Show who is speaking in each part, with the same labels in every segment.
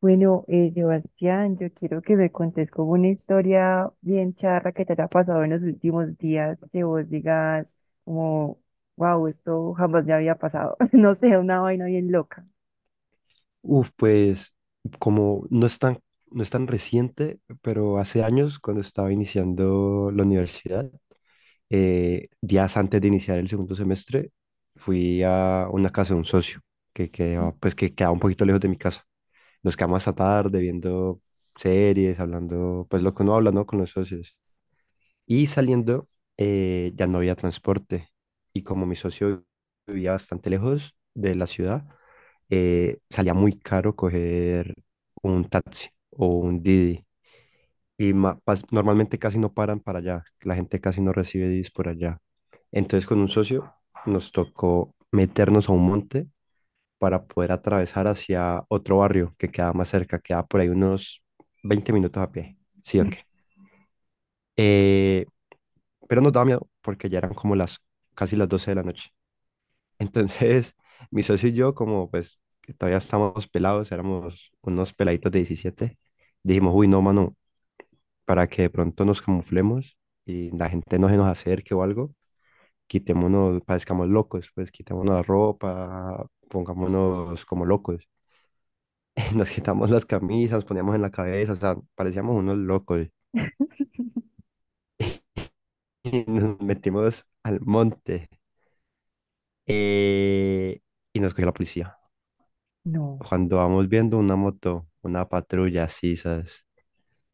Speaker 1: Bueno, Sebastián, yo quiero que me contes como una historia bien charra que te haya pasado en los últimos días, que vos digas como, wow, esto jamás me había pasado. No sé, una vaina bien loca.
Speaker 2: Uf, pues como no es tan, no es tan reciente, pero hace años cuando estaba iniciando la universidad, días antes de iniciar el segundo semestre, fui a una casa de un socio que quedaba, pues, que quedaba un poquito lejos de mi casa. Nos quedamos hasta tarde viendo series, hablando, pues lo que uno habla, ¿no? Con los socios. Y saliendo, ya no había transporte. Y como mi socio vivía bastante lejos de la ciudad, salía muy caro coger un taxi o un Didi. Y normalmente casi no paran para allá. La gente casi no recibe Didis por allá. Entonces con un socio nos tocó meternos a un monte para poder atravesar hacia otro barrio que quedaba más cerca. Quedaba por ahí unos 20 minutos a pie. Sí, ok. Eh, pero nos daba miedo porque ya eran como las casi las 12 de la noche. Entonces, mi socio y yo, como pues que todavía estábamos pelados, éramos unos peladitos de 17 dijimos, uy, no, mano, para que de pronto nos camuflemos y la gente no se nos acerque o algo, quitémonos, parezcamos locos, pues quitémonos la ropa, pongámonos como locos. Nos quitamos las camisas, poníamos en la cabeza, o sea, parecíamos unos locos. Y nos metimos al monte eh, y nos cogió la policía.
Speaker 1: No,
Speaker 2: Cuando vamos viendo una moto, una patrulla, así, ¿sabes?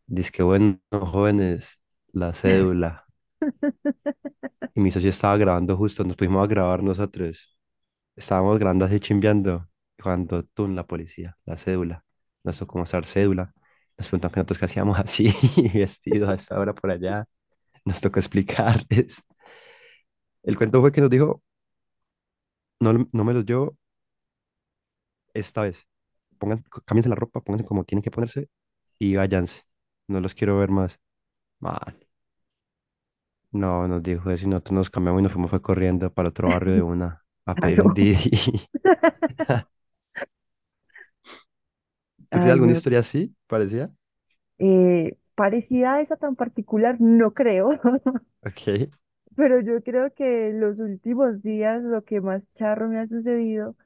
Speaker 2: Dice que bueno, jóvenes, la cédula. Y mi socio estaba grabando justo, nos pusimos a grabar nosotros. Estábamos grabando así chimbeando. Y cuando tú, la policía, la cédula. Nos tocó mostrar cédula. Nos preguntan que nosotros qué hacíamos así, vestidos a esta hora por allá. Nos tocó explicarles. El cuento fue que nos dijo, no, no me los llevo esta vez. Pongan, cámbiense la ropa, pónganse como tienen que ponerse y váyanse. No los quiero ver más. No, nos dijo eso y nosotros nos cambiamos y nos fuimos fue corriendo para otro barrio de una a pedir un
Speaker 1: claro.
Speaker 2: Didi. ¿Tú tienes
Speaker 1: Ay,
Speaker 2: alguna
Speaker 1: no.
Speaker 2: historia así? Parecía.
Speaker 1: Parecida a esa tan particular, no creo,
Speaker 2: Ok,
Speaker 1: pero yo creo que en los últimos días lo que más charro me ha sucedido,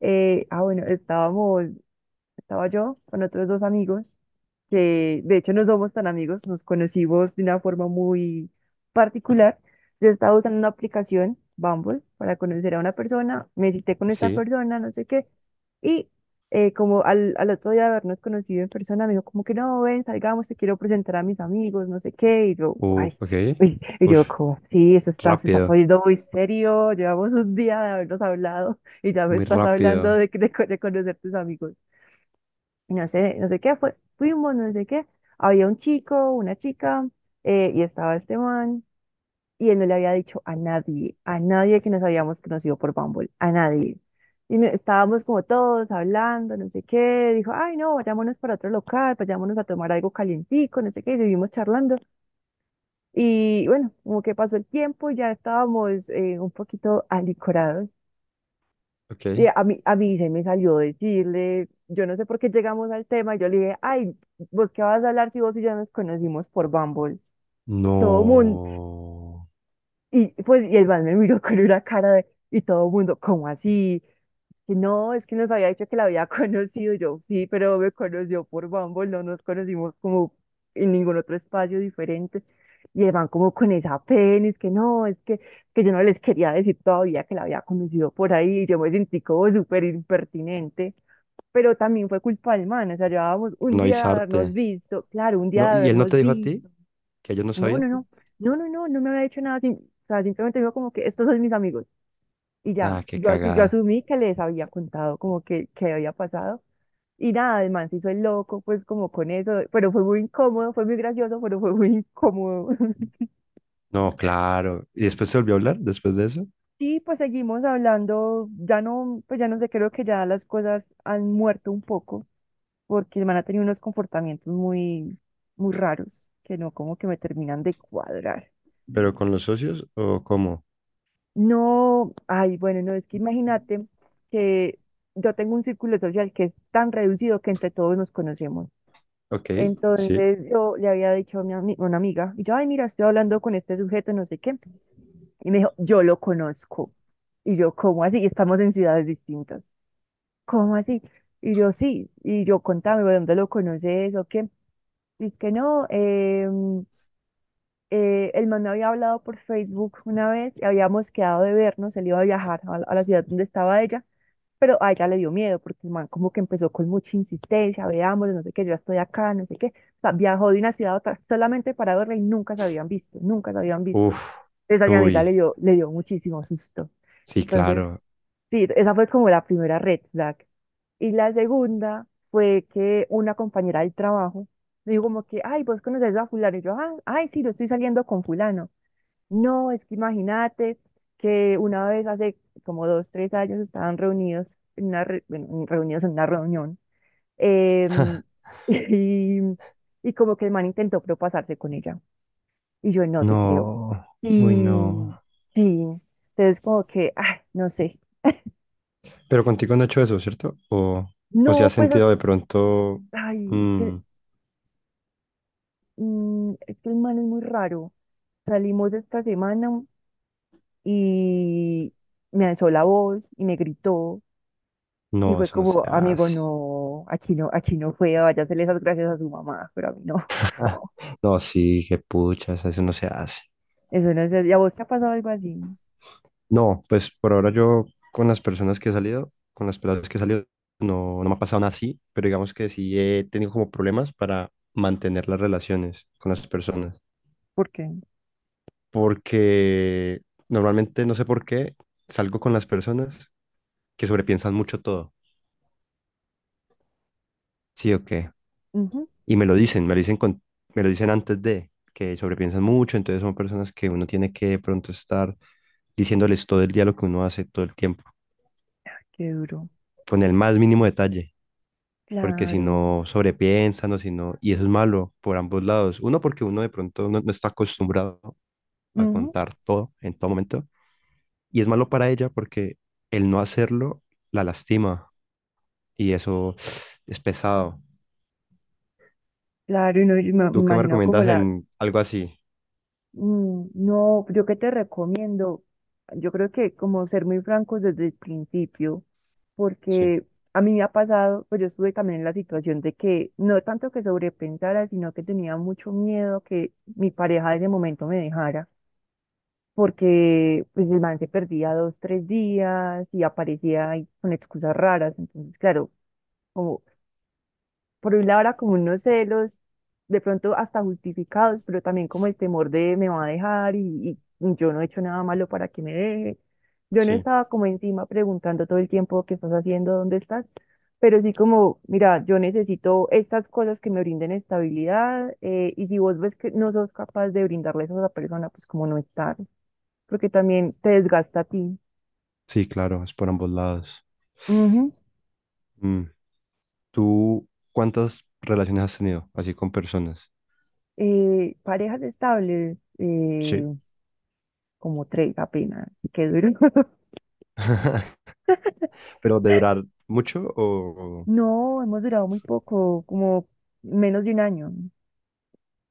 Speaker 1: bueno, estábamos estaba yo con otros dos amigos, que de hecho no somos tan amigos, nos conocimos de una forma muy particular. Yo estaba usando una aplicación, Bumble, para conocer a una persona, me cité con esta
Speaker 2: sí.
Speaker 1: persona, no sé qué, y como al otro día de habernos conocido en persona, me dijo como que no, ven, salgamos, te quiero presentar a mis amigos, no sé qué, y yo, ay,
Speaker 2: Ok.
Speaker 1: uy, y
Speaker 2: Uf,
Speaker 1: yo como, sí, eso está, se está
Speaker 2: rápido,
Speaker 1: poniendo muy serio, llevamos un día de habernos hablado y ya me
Speaker 2: muy
Speaker 1: estás hablando
Speaker 2: rápido.
Speaker 1: de, de conocer tus amigos. No sé, no sé qué, fue, fuimos, no sé qué, había un chico, una chica, y estaba este man, y él no le había dicho a nadie que nos habíamos conocido por Bumble, a nadie. Estábamos como todos hablando, no sé qué, dijo, ay no, vayámonos para otro local, vayámonos a tomar algo calientico, no sé qué, y seguimos charlando. Y bueno, como que pasó el tiempo, ya estábamos un poquito alicorados
Speaker 2: Ok.
Speaker 1: y a mí se me salió decirle, yo no sé por qué llegamos al tema, y yo le dije, ay, ¿vos qué vas a hablar si vos y yo nos conocimos por Bumble? Todo mundo,
Speaker 2: No.
Speaker 1: y pues, y el man me miró con una cara de, y todo mundo, ¿cómo así? Que no, es que nos había dicho que la había conocido. Y yo sí, pero me conoció por Bumble, no nos conocimos como en ningún otro espacio diferente. Y el man como con esa pena, es que no, es que yo no les quería decir todavía que la había conocido por ahí, y yo me sentí como súper impertinente, pero también fue culpa del man, o sea, llevábamos
Speaker 2: Por
Speaker 1: un
Speaker 2: no
Speaker 1: día de habernos
Speaker 2: avisarte.
Speaker 1: visto, claro, un día
Speaker 2: No,
Speaker 1: de
Speaker 2: ¿y él no te
Speaker 1: habernos
Speaker 2: dijo a ti
Speaker 1: visto.
Speaker 2: que ellos no
Speaker 1: No, no,
Speaker 2: sabían?
Speaker 1: no, no, no, no, no me había hecho nada, o sea, simplemente dijo como que estos son mis amigos y ya,
Speaker 2: Ah, qué
Speaker 1: yo, yo
Speaker 2: cagada.
Speaker 1: asumí que les había contado como que había pasado. Y nada, el man se hizo el loco, pues como con eso, pero fue muy incómodo, fue muy gracioso, pero fue muy incómodo.
Speaker 2: No, claro. ¿Y después se volvió a hablar después de eso?
Speaker 1: Sí, pues seguimos hablando, ya no, pues ya no sé, creo que ya las cosas han muerto un poco porque el man ha tenido unos comportamientos muy, muy raros que no como que me terminan de cuadrar.
Speaker 2: ¿Pero con los socios o cómo?
Speaker 1: No, ay, bueno, no, es que imagínate que yo tengo un círculo social que es tan reducido que entre todos nos conocemos.
Speaker 2: Ok, sí.
Speaker 1: Entonces yo le había dicho a mi una amiga, y yo, ay, mira, estoy hablando con este sujeto, no sé qué, y me dijo, yo lo conozco. Y yo, ¿cómo así? Y estamos en ciudades distintas. ¿Cómo así? Y yo, sí, y yo, contame, ¿de ¿dónde lo conoces o qué? Y es que no, el man me había hablado por Facebook una vez y habíamos quedado de vernos, él iba a viajar a la ciudad donde estaba ella, pero a ella le dio miedo porque el man como que empezó con mucha insistencia, veamos, no sé qué, yo ya estoy acá, no sé qué. O sea, viajó de una ciudad a otra solamente para verla y nunca se habían visto, nunca se habían visto.
Speaker 2: Uf,
Speaker 1: Entonces a mi
Speaker 2: uy,
Speaker 1: amiga le dio muchísimo susto.
Speaker 2: sí,
Speaker 1: Entonces,
Speaker 2: claro.
Speaker 1: sí, esa fue como la primera red flag. Y la segunda fue que una compañera del trabajo me dijo como que, ay, vos conoces a fulano. Y yo, ah, ay, sí, yo estoy saliendo con fulano. No, es que imagínate que una vez hace como dos, tres años estaban reunidos bueno, reunidos en una reunión em, y, y como que el man intentó propasarse con ella y yo no te creo.
Speaker 2: No, uy,
Speaker 1: Y
Speaker 2: no.
Speaker 1: sí, entonces como que, ay, no sé.
Speaker 2: Pero contigo no he hecho eso, ¿cierto? O si
Speaker 1: No,
Speaker 2: has
Speaker 1: pues,
Speaker 2: sentido de pronto,
Speaker 1: ay, es
Speaker 2: mm,
Speaker 1: que, es que el man es muy raro. Salimos esta semana y me alzó la voz y me gritó. Y
Speaker 2: no,
Speaker 1: fue
Speaker 2: eso no se
Speaker 1: como, amigo,
Speaker 2: hace.
Speaker 1: no, a Chino fue, vaya a hacerle esas gracias a su mamá, pero a mí no, por
Speaker 2: Ah,
Speaker 1: favor.
Speaker 2: no, sí, qué puchas, eso no se hace.
Speaker 1: Eso no es, ¿y a vos te ha pasado algo así?
Speaker 2: No, pues por ahora yo con las personas que he salido, con las personas que he salido, no, no me ha pasado nada así, pero digamos que sí he tenido como problemas para mantener las relaciones con las personas.
Speaker 1: ¿Por qué?
Speaker 2: Porque normalmente, no sé por qué, salgo con las personas que sobrepiensan mucho todo. Sí, ok.
Speaker 1: Ujú,
Speaker 2: Y me lo dicen con, me lo dicen antes de, que sobrepiensan mucho, entonces son personas que uno tiene que de pronto estar diciéndoles todo el día lo que uno hace todo el tiempo,
Speaker 1: qué duro.
Speaker 2: con el más mínimo detalle, porque si
Speaker 1: Claro,
Speaker 2: no sobrepiensan o si no, y eso es malo por ambos lados. Uno, porque uno de pronto no, no está acostumbrado a
Speaker 1: ujú,
Speaker 2: contar todo en todo momento, y es malo para ella porque el no hacerlo la lastima y eso es pesado.
Speaker 1: claro, y no, y me
Speaker 2: ¿Tú qué me
Speaker 1: imagino como
Speaker 2: recomiendas
Speaker 1: la,
Speaker 2: en algo así?
Speaker 1: mm, no, yo qué te recomiendo, yo creo que como ser muy francos desde el principio,
Speaker 2: Sí,
Speaker 1: porque a mí me ha pasado, pues yo estuve también en la situación de que no tanto que sobrepensara, sino que tenía mucho miedo que mi pareja de ese momento me dejara porque pues el man se perdía dos, tres días y aparecía ahí con excusas raras. Entonces, claro, como por un lado era como unos celos, de pronto hasta justificados, pero también como el temor de me va a dejar y yo no he hecho nada malo para que me deje. Yo no
Speaker 2: sí,
Speaker 1: estaba como encima preguntando todo el tiempo qué estás haciendo, dónde estás, pero sí como, mira, yo necesito estas cosas que me brinden estabilidad, y si vos ves que no sos capaz de brindarle eso a esa persona, pues como no estar porque también te desgasta a ti.
Speaker 2: sí, claro, es por ambos lados.
Speaker 1: Ujú.
Speaker 2: Mm, ¿Tú cuántas relaciones has tenido así con personas?
Speaker 1: Parejas estables,
Speaker 2: Sí,
Speaker 1: como tres apenas, qué duro.
Speaker 2: pero de durar mucho o...
Speaker 1: No, hemos durado muy poco, como menos de 1 año.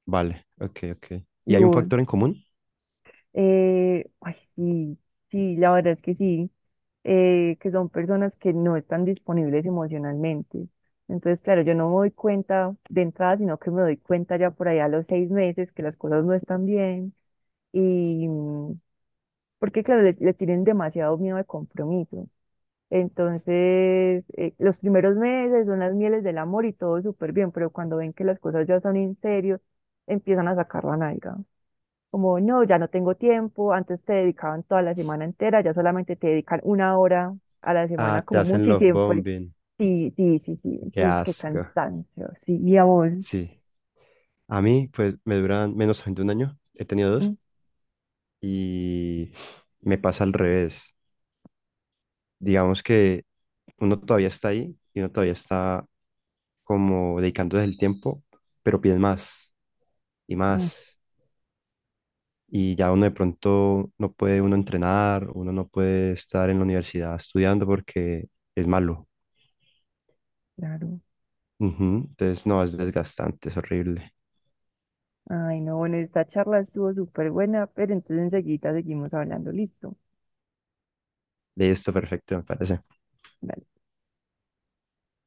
Speaker 2: Vale, ok, ok. ¿Y
Speaker 1: ¿Y
Speaker 2: hay un
Speaker 1: vos?
Speaker 2: factor en común?
Speaker 1: Ay, sí, sí, la verdad es que sí, que son personas que no están disponibles emocionalmente. Entonces, claro, yo no me doy cuenta de entrada, sino que me doy cuenta ya por allá a los 6 meses que las cosas no están bien. Y, porque claro, le tienen demasiado miedo al compromiso. Entonces, los primeros meses son las mieles del amor y todo súper bien, pero cuando ven que las cosas ya son en serio, empiezan a sacar la nalga. Como, no, ya no tengo tiempo, antes te dedicaban toda la semana entera, ya solamente te dedican una hora a la
Speaker 2: Ah,
Speaker 1: semana
Speaker 2: te
Speaker 1: como
Speaker 2: hacen
Speaker 1: mucho y
Speaker 2: love
Speaker 1: siempre.
Speaker 2: bombing.
Speaker 1: Sí, sí, sí, sí.
Speaker 2: Qué
Speaker 1: Entonces, qué
Speaker 2: asco.
Speaker 1: cansancio. Sí, y a vos.
Speaker 2: Sí. A mí, pues, me duran menos de un año. He tenido dos.
Speaker 1: Mm,
Speaker 2: Y me pasa al revés. Digamos que uno todavía está ahí y uno todavía está como dedicándose el tiempo, pero piden más y
Speaker 1: mm,
Speaker 2: más y ya uno de pronto no puede uno entrenar, uno no puede estar en la universidad estudiando porque es malo.
Speaker 1: claro.
Speaker 2: Ujú, entonces, no, es desgastante, es horrible.
Speaker 1: Ay, no, bueno, esta charla estuvo súper buena, pero entonces enseguida seguimos hablando. Listo.
Speaker 2: Listo, perfecto, me parece.
Speaker 1: Dale.